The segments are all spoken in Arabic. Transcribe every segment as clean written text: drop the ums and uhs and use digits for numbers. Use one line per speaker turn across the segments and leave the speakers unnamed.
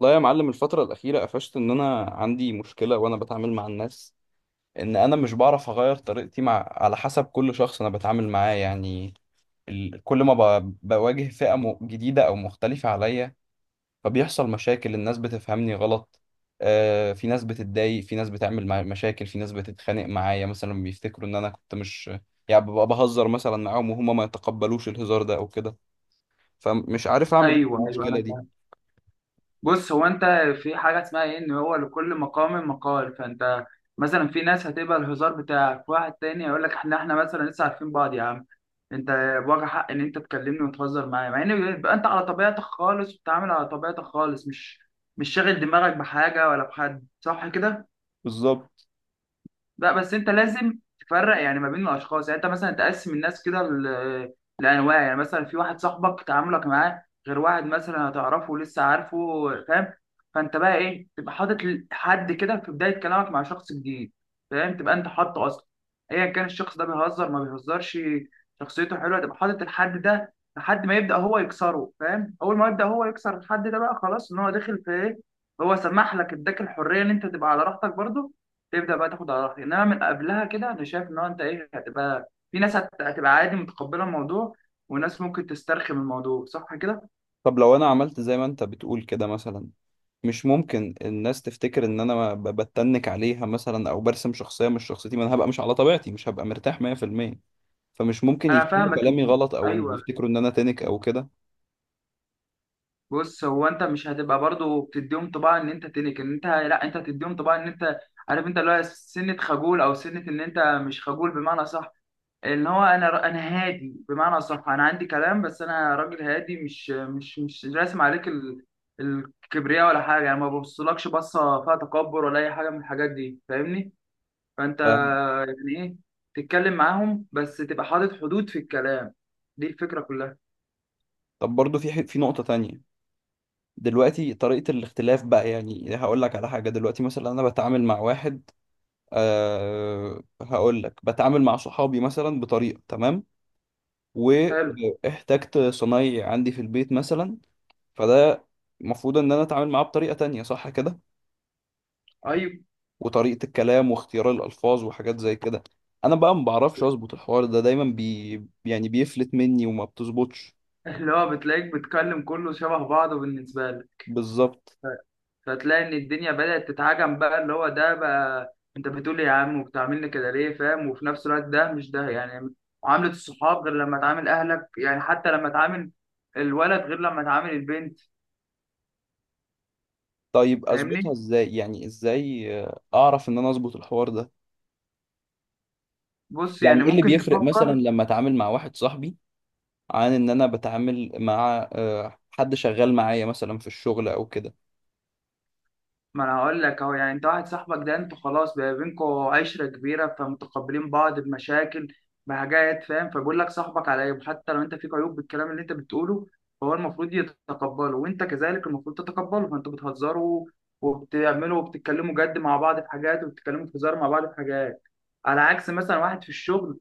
لا يا معلم، الفترة الأخيرة قفشت إن أنا عندي مشكلة وأنا بتعامل مع الناس. إن أنا مش بعرف أغير طريقتي مع على حسب كل شخص أنا بتعامل معاه، يعني كل ما بواجه فئة جديدة أو مختلفة عليا فبيحصل مشاكل، الناس بتفهمني غلط. آه، في ناس بتتضايق، في ناس بتعمل مشاكل، في ناس بتتخانق معايا. مثلا بيفتكروا إن أنا كنت مش، يعني ببقى بهزر مثلا معاهم وهما ما يتقبلوش الهزار ده أو كده، فمش عارف أعمل إيه في
ايوه،
المشكلة
انا
دي.
فاهم. بص، هو انت في حاجه اسمها ايه، ان هو لكل مقام مقال. فانت مثلا في ناس هتبقى الهزار بتاعك، واحد تاني هيقول لك احنا مثلا لسه عارفين بعض يا عم انت، بواجه حق ان انت تكلمني وتهزر معايا، مع ان بيبقى انت على طبيعتك خالص وبتتعامل على طبيعتك خالص، مش شاغل دماغك بحاجه ولا بحد، صح كده؟
بالظبط.
لا بس انت لازم تفرق يعني ما بين الاشخاص. يعني انت مثلا تقسم الناس كده لانواع. يعني مثلا في واحد صاحبك، تعاملك معاه غير واحد مثلا هتعرفه لسه، عارفه؟ فاهم؟ فانت بقى ايه، تبقى حاطط حد كده في بدايه كلامك مع شخص جديد، فاهم؟ تبقى انت حاطه اصلا، ايا كان الشخص ده بيهزر ما بيهزرش، شخصيته حلوه، تبقى حاطط الحد ده لحد ما يبدا هو يكسره، فاهم؟ اول ما يبدا هو يكسر الحد ده، بقى خلاص ان هو داخل في ايه، هو سمح لك، اداك الحريه ان انت تبقى على راحتك برضه، تبدا بقى تاخد على راحتك. انما من قبلها كده انا شايف ان هو انت ايه، هتبقى في ناس هتبقى عادي متقبله الموضوع، وناس ممكن تسترخي من الموضوع، صح كده؟
طب لو أنا عملت زي ما أنت بتقول كده مثلا، مش ممكن الناس تفتكر ان انا بتنك عليها مثلا او برسم شخصيه مش شخصيتي؟ ما انا هبقى مش على طبيعتي، مش هبقى مرتاح 100%، فمش ممكن
انا
يفهموا
فاهمك
كلامي غلط او ان
ايوه.
يفتكروا ان انا تنك او كده؟
بص، هو انت مش هتبقى برضو بتديهم طباع ان انت تنك ان انت، لا، انت هتديهم طباع ان انت عارف، انت اللي هو سنه خجول، او سنه ان انت مش خجول بمعنى صح، ان هو انا هادي بمعنى اصح، انا عندي كلام بس انا راجل هادي، مش راسم عليك الكبرياء ولا حاجه، يعني ما ببصلكش بصه فيها تكبر ولا اي حاجه من الحاجات دي، فاهمني؟ فانت
ف
يعني ايه، تتكلم معاهم بس تبقى حاطط حدود في الكلام، دي الفكره كلها.
طب برضه في في نقطه تانية. دلوقتي طريقه الاختلاف بقى، يعني هقول لك على حاجه. دلوقتي مثلا انا بتعامل مع واحد، هقول لك بتعامل مع صحابي مثلا بطريقه تمام،
حلو.
واحتجت صنايعي عندي في البيت مثلا، فده المفروض ان انا اتعامل معاه بطريقه تانية، صح كده؟
ايوه.
وطريقة الكلام واختيار الألفاظ وحاجات زي كده، أنا بقى ما بعرفش أظبط الحوار ده، دايما بي يعني بيفلت مني وما بتظبطش.
اللي هو بتلاقيك بتكلم كله شبه بعضه بالنسبه لك،
بالظبط.
فتلاقي ان الدنيا بدأت تتعجم بقى، اللي هو ده بقى انت بتقول لي يا عم وبتعاملني كده ليه، فاهم؟ وفي نفس الوقت ده مش ده يعني، معاملة الصحاب غير لما تعامل اهلك. يعني حتى لما تعامل الولد غير لما تعامل البنت،
طيب أظبطها
فاهمني؟
إزاي؟ يعني إزاي أعرف إن أنا أظبط الحوار ده؟
بص، يعني
يعني إيه اللي
ممكن
بيفرق مثلا
تفكر.
لما أتعامل مع واحد صاحبي عن إن أنا بتعامل مع حد شغال معايا مثلا في الشغل أو كده؟
ما انا هقول لك اهو، يعني انت واحد صاحبك ده انتوا خلاص بقى بينكوا عشره كبيره، فمتقبلين بعض بمشاكل بحاجات، فاهم؟ فبيقول لك صاحبك على عيب، حتى لو انت فيك عيوب بالكلام اللي انت بتقوله، فهو المفروض يتقبله، وانت كذلك المفروض تتقبله، فانتوا بتهزروا وبتعملوا، وبتتكلموا جد مع بعض في حاجات، وبتتكلموا في هزار مع بعض في حاجات. على عكس مثلا واحد في الشغل،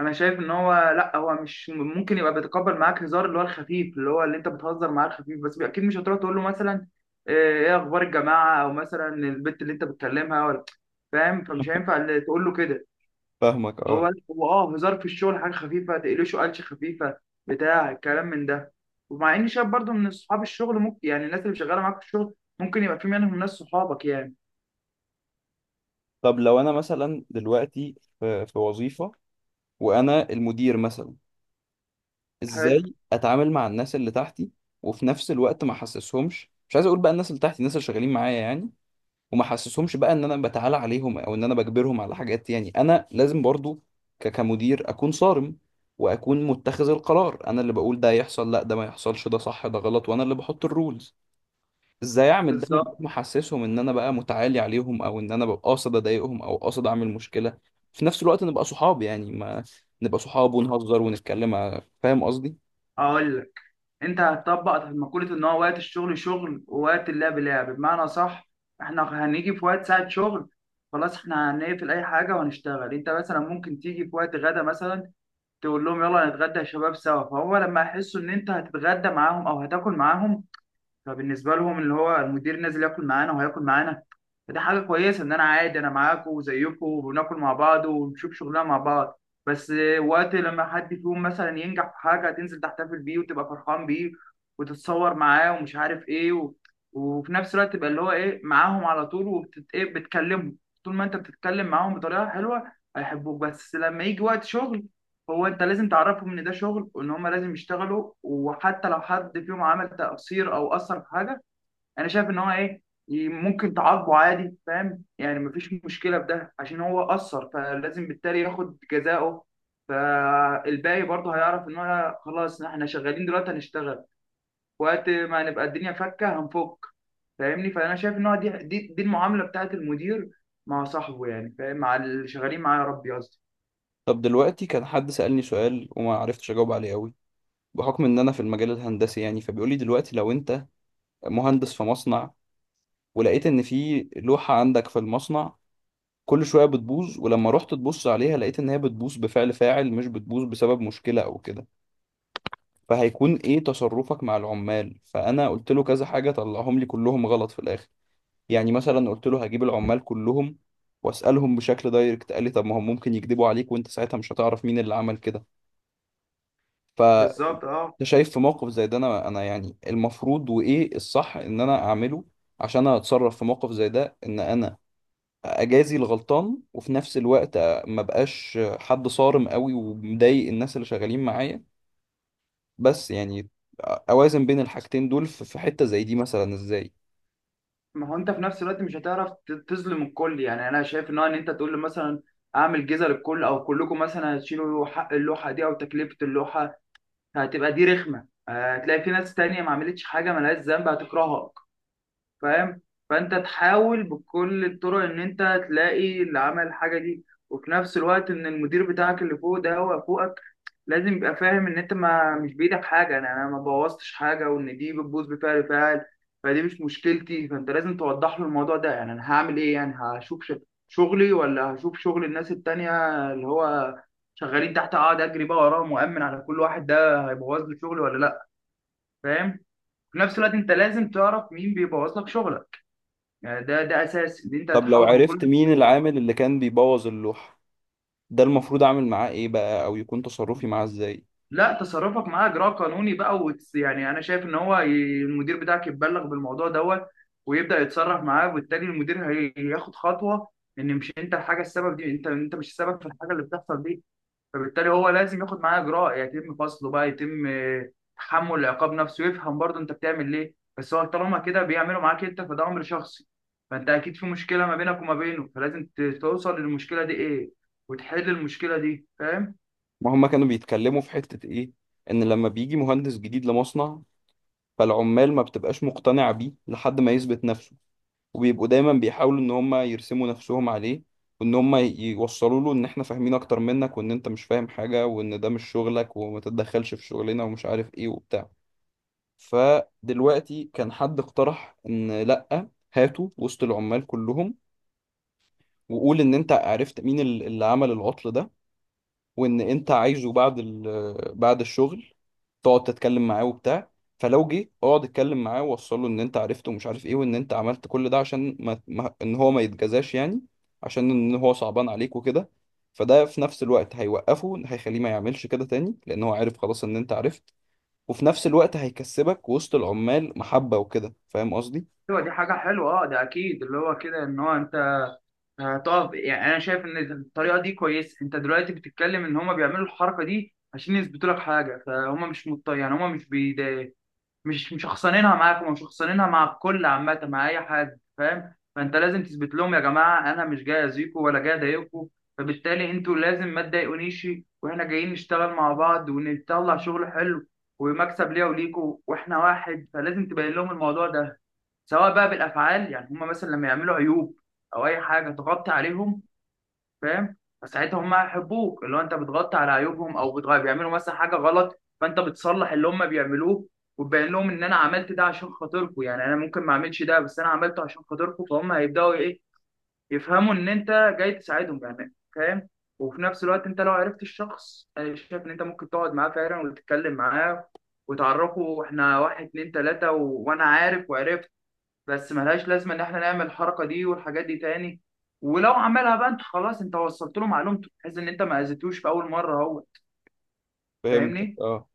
انا شايف ان هو لا، هو مش ممكن يبقى بيتقبل معاك هزار اللي هو الخفيف، اللي هو اللي انت بتهزر معاه الخفيف، بس اكيد مش هتروح تقول له مثلا ايه، إيه اخبار الجماعه، او مثلا البت اللي انت بتكلمها ولا، فاهم؟ فمش هينفع اللي تقول له كده.
فاهمك، اه.
هو اه، هزار في الشغل حاجه خفيفه، تقلشه قلشه خفيفه، بتاع الكلام من ده. ومع اني شايف برضو ان اصحاب الشغل، ممكن يعني الناس اللي شغاله معاك في الشغل ممكن يبقى في منهم ناس صحابك يعني.
طب لو انا مثلا دلوقتي في وظيفة وانا المدير مثلا،
حلو.
ازاي اتعامل مع الناس اللي تحتي؟ وفي نفس الوقت ما احسسهمش، مش عايز اقول بقى الناس اللي تحتي، الناس اللي شغالين معايا يعني، وما احسسهمش بقى ان انا بتعالى عليهم او ان انا بجبرهم على حاجات. يعني انا لازم برضو كمدير اكون صارم، واكون متخذ القرار، انا اللي بقول ده يحصل، لا ده ما يحصلش، ده صح ده غلط، وانا اللي بحط الرولز. ازاي اعمل ده من غير
بالظبط.
ما احسسهم ان انا بقى متعالي عليهم او ان انا ببقى قاصد اضايقهم او قاصد اعمل مشكلة؟ في نفس الوقت نبقى صحاب يعني، ما نبقى صحاب ونهزر ونتكلم، فاهم قصدي؟
اقول لك، انت هتطبق مقولة ان هو وقت الشغل شغل ووقت اللعب لعب، بمعنى صح. احنا هنيجي في وقت ساعة شغل، خلاص احنا هنقفل اي حاجة وهنشتغل. انت مثلا ممكن تيجي في وقت غدا مثلا، تقول لهم يلا نتغدى يا شباب سوا. فهو لما يحسوا ان انت هتتغدى معاهم او هتاكل معاهم، فبالنسبه لهم اللي هو المدير نازل ياكل معانا وهياكل معانا، فده حاجه كويسه. ان انا عادي، انا معاكم وزيكم، وبناكل مع بعض ونشوف شغلنا مع بعض. بس وقت لما حد فيهم مثلا ينجح في حاجه، هتنزل تحتفل بيه وتبقى فرحان بيه، وتتصور معاه ومش عارف ايه وفي نفس الوقت تبقى اللي هو ايه معاهم على طول، ايه، بتكلمهم. طول ما انت بتتكلم معاهم بطريقه حلوه هيحبوك، بس لما يجي وقت شغل، هو انت لازم تعرفهم ان ده شغل، وان هم لازم يشتغلوا. وحتى لو حد فيهم عمل تقصير او اثر في حاجه، انا شايف ان هو ايه، ممكن تعاقبه عادي، فاهم؟ يعني مفيش مشكله في ده، عشان هو اثر فلازم بالتالي ياخد جزاؤه. فالباقي برضه هيعرف ان هو خلاص، احنا شغالين دلوقتي هنشتغل، وقت ما نبقى الدنيا فكه هنفك، فاهمني؟ فانا شايف ان هو دي المعامله بتاعت المدير مع صاحبه، يعني فاهم، مع اللي شغالين معاه، يا ربي قصدي.
طب دلوقتي كان حد سألني سؤال وما عرفتش أجاوب عليه قوي، بحكم إن أنا في المجال الهندسي. يعني فبيقول لي دلوقتي لو أنت مهندس في مصنع ولقيت إن في لوحة عندك في المصنع كل شوية بتبوظ، ولما رحت تبص عليها لقيت إن هي بتبوظ بفعل فاعل مش بتبوظ بسبب مشكلة أو كده، فهيكون إيه تصرفك مع العمال؟ فأنا قلت له كذا حاجة طلعهم لي كلهم غلط في الآخر. يعني مثلا قلت له هجيب العمال كلهم وأسألهم بشكل دايركت، قال لي طب ما هم ممكن يكذبوا عليك وأنت ساعتها مش هتعرف مين اللي عمل كده. ف
بالظبط اه.
انت شايف في موقف زي ده انا يعني المفروض وايه الصح ان انا اعمله عشان اتصرف في موقف زي ده، ان انا اجازي الغلطان وفي نفس الوقت ما بقاش حد صارم قوي ومضايق الناس اللي شغالين معايا؟ بس يعني اوازن بين الحاجتين دول في حتة زي دي مثلا ازاي؟
ما هو انت في نفس الوقت مش هتعرف تظلم الكل. يعني انا شايف ان هو ان انت تقول له مثلا اعمل جزء للكل، او كلكم مثلا هتشيلوا حق اللوحه دي او تكلفه اللوحه، هتبقى دي رخمه. آه، هتلاقي في ناس تانية ما عملتش حاجه، ملهاش ذنب، هتكرهها، فاهم؟ فانت تحاول بكل الطرق ان انت تلاقي اللي عمل الحاجه دي. وفي نفس الوقت ان المدير بتاعك اللي فوق ده هو فوقك، لازم يبقى فاهم ان انت ما مش بايدك حاجه، انا ما بوظتش حاجه، وان دي بتبوظ بفعل فاعل فدي مش مشكلتي. فانت لازم توضح له الموضوع ده، يعني انا هعمل ايه، يعني هشوف شغلي ولا هشوف شغل الناس التانية اللي هو شغالين تحت، اقعد اجري بقى وراهم وامن على كل واحد، ده هيبوظ لي شغلي ولا لا، فاهم؟ في نفس الوقت انت لازم تعرف مين بيبوظ لك شغلك، يعني ده اساس ان انت
طب لو
هتحاول بكل
عرفت مين
الطرق بقى.
العامل اللي كان بيبوظ اللوحة ده، المفروض اعمل معاه ايه بقى او يكون تصرفي معاه ازاي؟
لا، تصرفك معاه اجراء قانوني بقى، يعني انا شايف ان هو المدير بتاعك يتبلغ بالموضوع دوت، ويبدأ يتصرف معاه. وبالتالي المدير هياخد خطوة ان مش انت الحاجة السبب دي، انت انت مش السبب في الحاجة اللي بتحصل دي، فبالتالي هو لازم ياخد معاه اجراء، يتم فصله بقى، يتم آه، تحمل العقاب نفسه. ويفهم برضه انت بتعمل ليه، بس هو طالما كده بيعملوا معاك انت فده امر شخصي، فانت اكيد في مشكله ما بينك وما بينه، فلازم توصل للمشكله دي ايه وتحل المشكله دي، فاهم؟
ما هما كانوا بيتكلموا في حتة ايه، ان لما بيجي مهندس جديد لمصنع فالعمال ما بتبقاش مقتنعة بيه لحد ما يثبت نفسه، وبيبقوا دايما بيحاولوا ان هم يرسموا نفسهم عليه، وان هم يوصلوا له ان احنا فاهمين اكتر منك وان انت مش فاهم حاجة وان ده مش شغلك وما تتدخلش في شغلنا ومش عارف ايه وبتاع. فدلوقتي كان حد اقترح ان لأ، هاتوا وسط العمال كلهم وقول ان انت عرفت مين اللي عمل العطل ده، وان انت عايزه بعد بعد الشغل تقعد تتكلم معاه وبتاع. فلو جه اقعد اتكلم معاه ووصله ان انت عرفته ومش عارف ايه، وان انت عملت كل ده عشان ما... ما... ان هو ما يتجزاش يعني، عشان ان هو صعبان عليك وكده، فده في نفس الوقت هيوقفه، هيخليه ما يعملش كده تاني لان هو عارف خلاص ان انت عرفت، وفي نفس الوقت هيكسبك وسط العمال محبة وكده، فاهم قصدي؟
ايوه دي حاجه حلوه اه. ده اكيد اللي هو كده ان هو انت هتقف. يعني انا شايف ان الطريقه دي كويسه. انت دلوقتي بتتكلم ان هما بيعملوا الحركه دي عشان يثبتوا لك حاجه، فهم مش مضطر يعني، هما مش بيضايقوا، مش مشخصنينها معاك، ومشخصنينها مع الكل عامة، مع أي حد، فاهم؟ فأنت لازم تثبت لهم يا جماعة أنا مش جاي أذيكم ولا جاي أضايقكم، فبالتالي أنتوا لازم ما تضايقونيش، وإحنا جايين نشتغل مع بعض ونطلع شغل حلو، ومكسب ليا وليكوا وإحنا واحد. فلازم تبين لهم الموضوع ده، سواء بقى بالأفعال، يعني هما مثلا لما يعملوا عيوب أو أي حاجة تغطي عليهم، فاهم؟ فساعتها هم هيحبوك، اللي هو انت بتغطي على عيوبهم، او بيعملوا مثلا حاجه غلط فانت بتصلح اللي هم بيعملوه، وتبين لهم ان انا عملت ده عشان خاطركم، يعني انا ممكن ما اعملش ده بس انا عملته عشان خاطركم، فهم هيبداوا ايه، يفهموا ان انت جاي تساعدهم، يعني فاهم. وفي نفس الوقت انت لو عرفت الشخص، انا شايف ان انت ممكن تقعد معاه فعلا وتتكلم معاه، وتعرفه احنا واحد اتنين تلاته وانا عارف وعرفت، بس ملهاش لازمه ان احنا نعمل الحركه دي والحاجات دي تاني. ولو عملها بقى انت خلاص، انت وصلت له معلومته، بحيث ان انت ما اذيتوش في اول مره، هو
فهمتك،
فاهمني.
اه.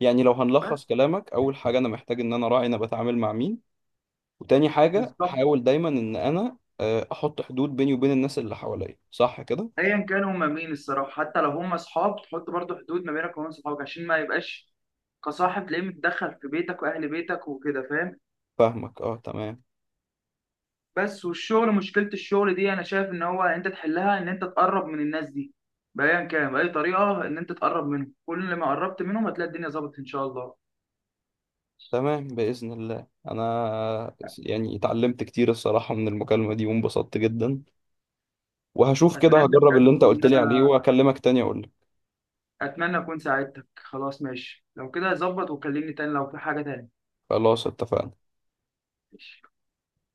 يعني لو هنلخص
بس.
كلامك، اول حاجة انا محتاج ان انا راعي انا بتعامل مع مين، وتاني حاجة
بالظبط.
احاول دايما ان انا احط حدود بيني وبين الناس اللي حواليا، صح كده؟
ايا كانوا هما مين الصراحه، حتى لو هما اصحاب تحط برضه حدود ما بينك وبين صحابك، عشان ما يبقاش كصاحب تلاقيه متدخل في بيتك واهل بيتك وكده، فاهم؟
فاهمك، اه، تمام.
بس والشغل، مشكله الشغل دي انا شايف ان هو انت تحلها ان انت تقرب من الناس دي، بايا كان باي طريقه، ان انت تقرب منهم. كل ما قربت منهم هتلاقي الدنيا ظبطت ان شاء الله.
تمام بإذن الله، انا يعني اتعلمت كتير الصراحة من المكالمة دي وانبسطت جدا، وهشوف كده،
اتمنى
هجرب اللي
بجد
انت
ان
قلت لي عليه
انا
واكلمك تاني اقول لك.
اتمنى اكون ساعدتك. خلاص، ماشي، لو كده ظبط وكلمني تاني لو في حاجة تاني.
خلاص، اتفقنا.
ماشي.